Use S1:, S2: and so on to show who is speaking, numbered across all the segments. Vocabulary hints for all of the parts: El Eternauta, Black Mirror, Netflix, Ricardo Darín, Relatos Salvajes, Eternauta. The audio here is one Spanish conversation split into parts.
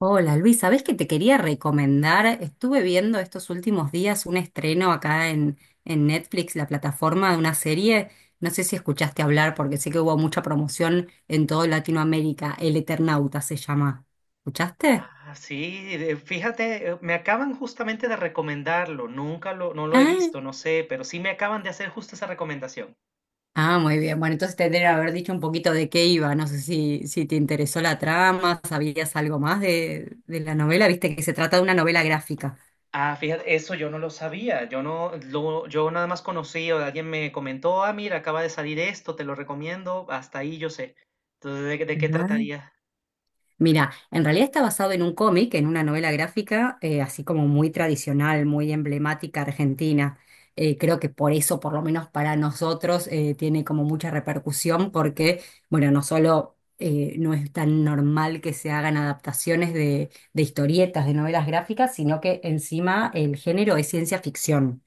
S1: Hola Luis, ¿sabés que te quería recomendar? Estuve viendo estos últimos días un estreno acá en Netflix, la plataforma de una serie. No sé si escuchaste hablar porque sé que hubo mucha promoción en todo Latinoamérica. El Eternauta se llama. ¿Escuchaste?
S2: Ah, sí, fíjate, me acaban justamente de recomendarlo, nunca lo, no lo he
S1: Ah,
S2: visto, no sé, pero sí me acaban de hacer justo esa recomendación.
S1: Muy bien. Bueno, entonces te tendría que
S2: Ah,
S1: haber dicho un poquito de qué iba. No sé si te interesó la trama, sabías algo más de la
S2: La-
S1: novela. Viste que se trata de una novela gráfica.
S2: ah, fíjate, eso yo no lo sabía, yo no, lo, yo nada más conocí o alguien me comentó, ah, mira, acaba de salir esto, te lo recomiendo, hasta ahí yo sé. Entonces, de qué trataría?
S1: Mira, en realidad está basado en un cómic, en una novela gráfica, así como muy tradicional, muy emblemática argentina. Creo que por eso, por lo menos para nosotros, tiene como mucha repercusión porque, bueno, no solo no es tan normal que se hagan adaptaciones de historietas, de novelas gráficas, sino que encima el género es ciencia ficción,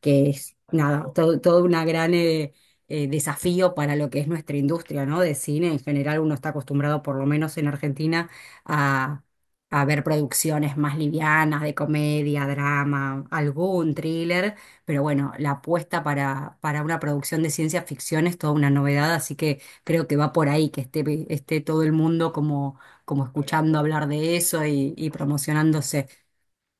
S1: que es nada,
S2: Claro,
S1: todo una gran, desafío para lo que es nuestra industria, ¿no? De cine. En general uno está acostumbrado, por lo menos en Argentina, a, a ver producciones más livianas, de comedia, drama, algún thriller, pero bueno, la apuesta para una producción de ciencia ficción es toda una novedad, así que creo que va por ahí, que esté todo el mundo como, como escuchando
S2: hablando.
S1: hablar de eso y promocionándose.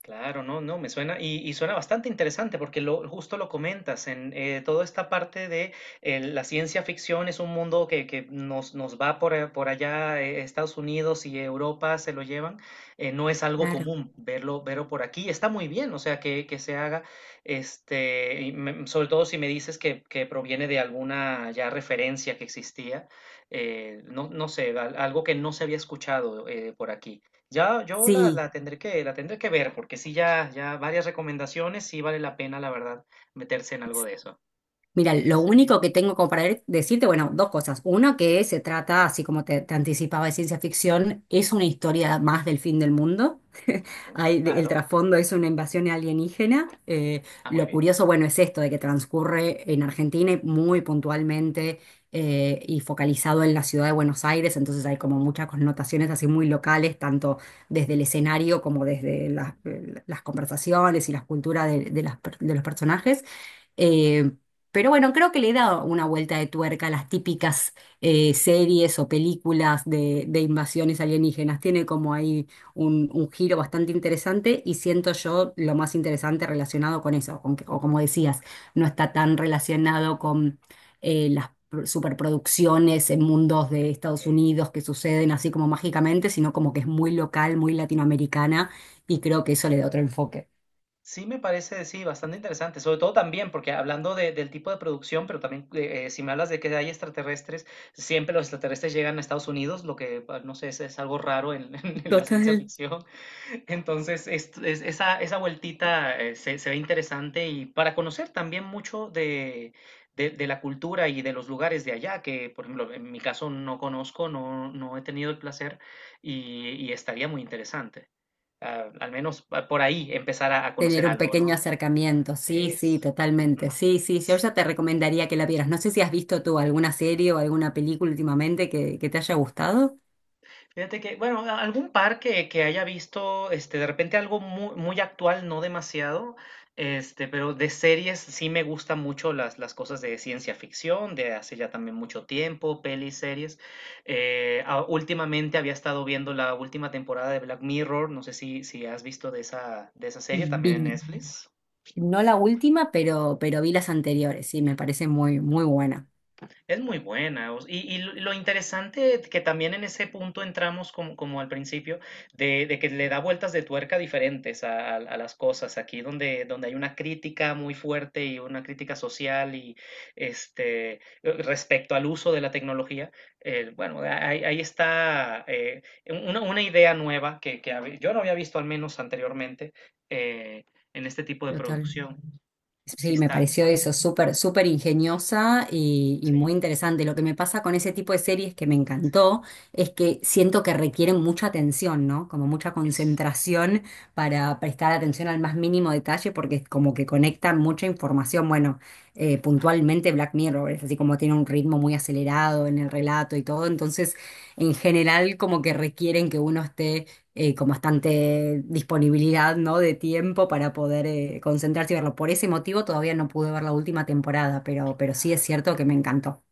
S2: Claro, no, no, me suena y, suena bastante interesante porque justo lo comentas en toda esta parte de la ciencia ficción es un mundo que nos va por, por allá, Estados Unidos y Europa se lo llevan, no es algo
S1: Claro.
S2: común verlo, verlo por aquí, está muy bien, o sea, que se haga, este, y sobre todo si me dices que proviene de alguna ya referencia que existía, no, no sé, algo que no se había escuchado por aquí. Ya yo
S1: Sí.
S2: la tendré la tendré que ver, porque sí, ya, ya varias recomendaciones, sí vale la pena, la verdad, meterse en algo de eso.
S1: Mira, lo
S2: Sí,
S1: único que tengo como para decirte, bueno, dos cosas. Una que
S2: sí,
S1: se trata, así como te anticipaba, de ciencia ficción, es una historia más del fin del mundo.
S2: claro,
S1: Hay, de- el
S2: claro.
S1: trasfondo es una invasión alienígena.
S2: Ah, muy
S1: Lo
S2: bien.
S1: curioso, bueno, es esto de que transcurre en Argentina y muy puntualmente, y focalizado en la ciudad de Buenos Aires, entonces hay como muchas connotaciones así muy locales, tanto desde el escenario como desde las conversaciones y las culturas de las de los personajes.
S2: ¿No?
S1: Eh, pero bueno, creo que le da una vuelta de tuerca a las típicas series o películas de invasiones alienígenas. Tiene como ahí un giro bastante interesante y siento yo lo más interesante relacionado con eso, con que- o como decías, no está tan relacionado con las superproducciones en mundos de Estados
S2: Eh,
S1: Unidos que suceden así como mágicamente, sino como que es muy local, muy latinoamericana y creo que eso le da otro enfoque.
S2: sí me parece, sí, bastante interesante, sobre todo también, porque hablando del tipo de producción, pero también si me hablas de que hay extraterrestres, siempre los extraterrestres llegan a Estados Unidos, lo que, ah, no sé, es algo raro en en la ciencia
S1: Total.
S2: ficción. Entonces, esa vueltita se ve interesante y para conocer también mucho de, de la cultura y de los lugares de allá, que por ejemplo, en mi caso no conozco, no, no he tenido el placer y estaría muy interesante. Ah, al menos ah, por ahí empezar a conocer
S1: Tener un
S2: algo, ¿no?
S1: pequeño acercamiento, sí, sí,
S2: Es, ujú.
S1: totalmente. Sí, sí, yo ya te recomendaría que la vieras. No sé si has visto tú alguna serie o alguna película últimamente que te haya gustado.
S2: Fíjate que, bueno, algún par que haya visto, este, de repente algo muy, muy actual, no demasiado, este, pero de series sí me gustan mucho las cosas de ciencia ficción, de hace ya también mucho tiempo, pelis, series. Últimamente había estado viendo la última temporada de Black Mirror, no sé si has visto de esa serie también en
S1: Vi,
S2: Netflix.
S1: no la última, pero vi las anteriores, sí, me parece muy, muy buena.
S2: Es muy buena. Y lo interesante que también en ese punto entramos como, como al principio, de que le da vueltas de tuerca diferentes a, a las cosas. Aquí donde, donde hay una crítica muy fuerte y una crítica social y este respecto al uso de la tecnología, bueno, ahí, ahí está una idea nueva yo no había visto al menos anteriormente eh, en este tipo de
S1: Total.
S2: producción. Sí
S1: Sí, me
S2: está,
S1: pareció eso súper, súper ingeniosa y
S2: sí,
S1: muy interesante. Lo que me pasa con ese tipo de series que me
S2: sí.
S1: encantó es que siento que requieren mucha atención, ¿no? Como mucha
S2: Es...
S1: concentración para prestar atención al más mínimo detalle porque es como que conectan mucha información. Bueno, puntualmente Black Mirror es así, como tiene un ritmo muy acelerado en el relato y todo. Entonces, en general, como que requieren que uno esté con bastante disponibilidad, ¿no? De tiempo para poder concentrarse y verlo. Por ese motivo todavía no pude ver la última temporada, pero sí es
S2: ah,
S1: cierto que me encantó.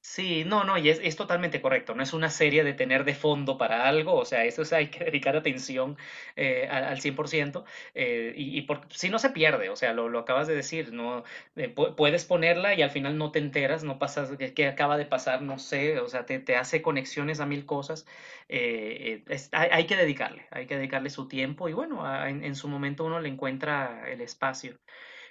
S2: sí, no, no, y es totalmente correcto. No es una serie de tener de fondo para algo, o sea, hay que dedicar atención al, al 100%. Eh, y si no se pierde, o sea, lo acabas de decir, no puedes ponerla y al final no te enteras, no pasas, qué acaba de pasar, no sé, o sea, te hace conexiones a mil cosas. Hay, hay que dedicarle su tiempo y bueno, en su momento uno le encuentra el espacio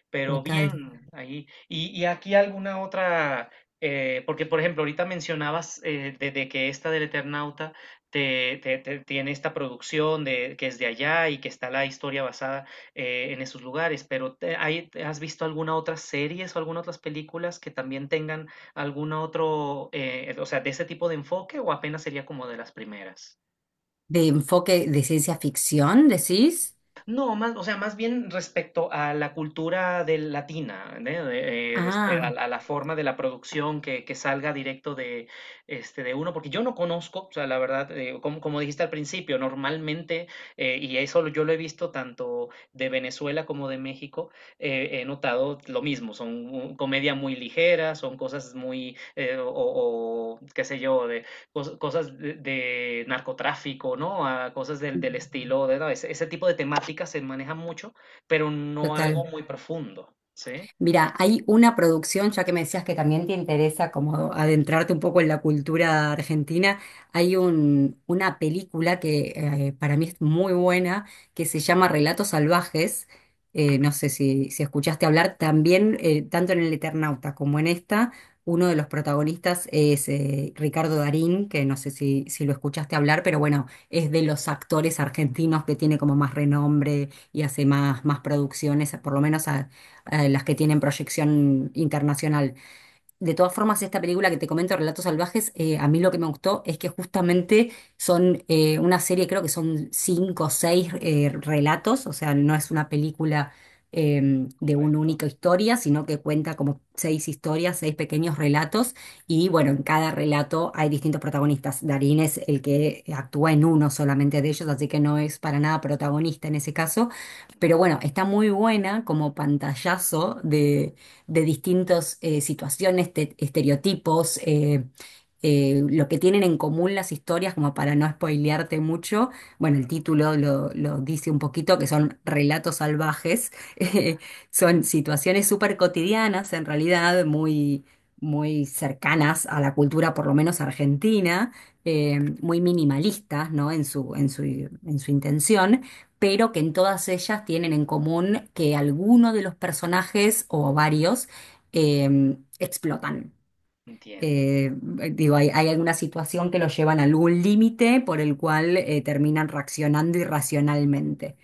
S2: pero
S1: Total.
S2: bien ahí. Y aquí alguna otra, porque por ejemplo, ahorita mencionabas de que esta del Eternauta tiene esta producción de, que es de allá y que está la historia basada en esos lugares, pero ¿has visto alguna otra series o alguna otras películas que también tengan algún otro, o sea, de ese tipo de enfoque o apenas sería como de las primeras?
S1: ¿De enfoque de ciencia ficción, decís?
S2: No, más, o sea, más bien respecto a la cultura del latina, ¿né? De- respe-
S1: Ah,
S2: a la forma de la producción que salga directo de, este, de uno, porque yo no conozco, o sea, la verdad, como, como dijiste al principio, normalmente, y yo lo he visto tanto de Venezuela como de México, he notado lo mismo, son comedia muy ligera, son cosas muy, o, qué sé yo, de, cosas de narcotráfico, ¿no? A cosas del, del estilo, de, ¿no? Ese tipo de temáticas se manejan mucho, pero no algo
S1: total.
S2: muy profundo, ¿sí?
S1: Mira, hay una producción, ya que me decías que también te interesa como adentrarte un poco en la cultura argentina, hay una película que, para mí es muy buena, que se llama Relatos Salvajes. No sé si escuchaste hablar, también, tanto en El Eternauta como en esta, uno de los protagonistas es Ricardo Darín, que no sé si lo escuchaste hablar, pero bueno, es de los actores argentinos que tiene como más renombre y hace más, más producciones, por lo menos a las que tienen proyección internacional. De todas formas, esta película que te comento, Relatos Salvajes, a mí lo que me gustó es que justamente son una serie, creo que son cinco o seis relatos, o sea, no es una película de una
S2: Comprendo,
S1: única historia, sino que cuenta como seis historias, seis pequeños relatos, y bueno, en cada relato hay distintos protagonistas. Darín es el que actúa en uno solamente de ellos, así que no es para nada protagonista en ese caso, pero bueno, está muy buena como pantallazo de distintas situaciones, estereotipos, lo que tienen en común las historias, como para no spoilearte mucho. Bueno, el
S2: claro,
S1: título lo dice un poquito, que son relatos salvajes.
S2: ya,
S1: Son
S2: ujú,
S1: situaciones súper cotidianas, en realidad, muy, muy cercanas a la cultura, por lo menos argentina, muy minimalistas, ¿no? En su, en su intención, pero que en todas ellas tienen en común que alguno de los personajes o varios explotan.
S2: entiendo.
S1: Eh, digo, hay alguna situación que los llevan a algún límite por el cual terminan reaccionando irracionalmente.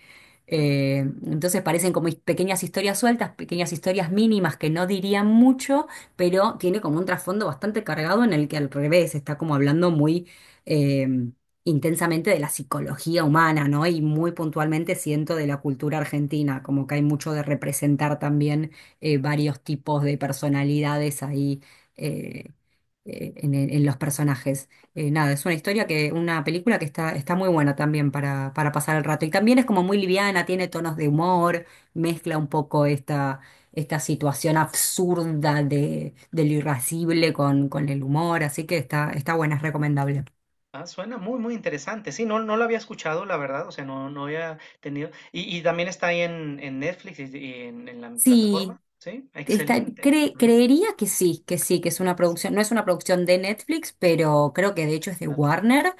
S2: Ujú.
S1: Eh, entonces parecen como pequeñas historias sueltas, pequeñas historias mínimas que no dirían mucho, pero tiene como un trasfondo bastante cargado en el que al revés está como hablando muy eh, intensamente de la psicología humana, ¿no? Y muy puntualmente siento de la cultura argentina, como que hay mucho de representar también varios tipos de personalidades ahí eh, en los personajes. Nada, es una historia que, una película que está muy buena también para pasar el rato. Y también es como muy liviana, tiene tonos de humor, mezcla un poco esta situación absurda de lo irascible con el humor, así que está buena, es recomendable.
S2: Ah, suena muy, muy interesante. Sí, no, no lo había escuchado, la verdad, o sea, no, no había tenido. Y también está ahí en Netflix y en la plataforma,
S1: Sí,
S2: ¿sí?
S1: está,
S2: Excelente. Ujú.
S1: creería que sí, que sí, que es una
S2: Sí.
S1: producción, no es una producción de Netflix, pero creo que de hecho es de
S2: La- la-
S1: Warner,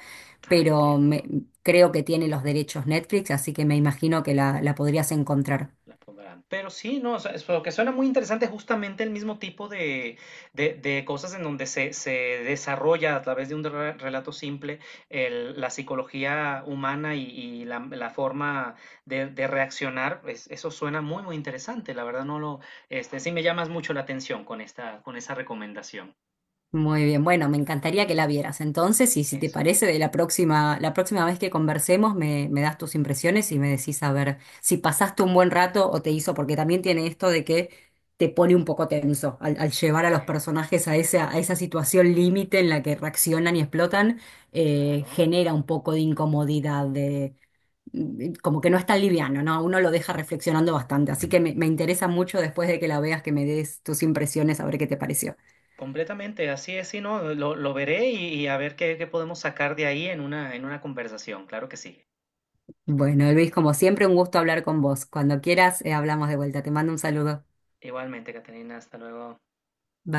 S2: ah,
S1: pero
S2: entiendo.
S1: creo que tiene los derechos Netflix, así que me imagino que la podrías encontrar.
S2: La pondrán. Pero sí, no, o sea, es lo que suena muy interesante justamente el mismo tipo de, de cosas en donde se desarrolla a través de un relato simple la psicología humana y la forma de reaccionar. Eso suena muy, muy interesante. La verdad no lo, este, sí me llamas mucho la atención con esta, con esa recomendación.
S1: Muy bien, bueno, me encantaría que
S2: Sí,
S1: la vieras. Entonces, y si te
S2: eso.
S1: parece, de la próxima vez que conversemos, me das tus impresiones y me decís a ver si pasaste un buen rato o te hizo, porque también tiene esto de que te pone un poco tenso al llevar a los
S2: em,
S1: personajes a esa situación límite en la que reaccionan y explotan,
S2: claro.
S1: genera un poco de incomodidad, de mm, como que no es tan
S2: Sí.
S1: liviano, ¿no? Uno lo deja reflexionando bastante. Así que me interesa mucho después de que la veas que me des tus impresiones a ver qué te pareció.
S2: Completamente, así es, sí, no, lo veré y a ver qué, qué podemos sacar de ahí en una conversación, claro que sí.
S1: Bueno, Luis, como siempre, un gusto hablar con vos. Cuando quieras, hablamos de vuelta. Te mando un saludo.
S2: Igualmente, Catalina, hasta luego.
S1: Bye.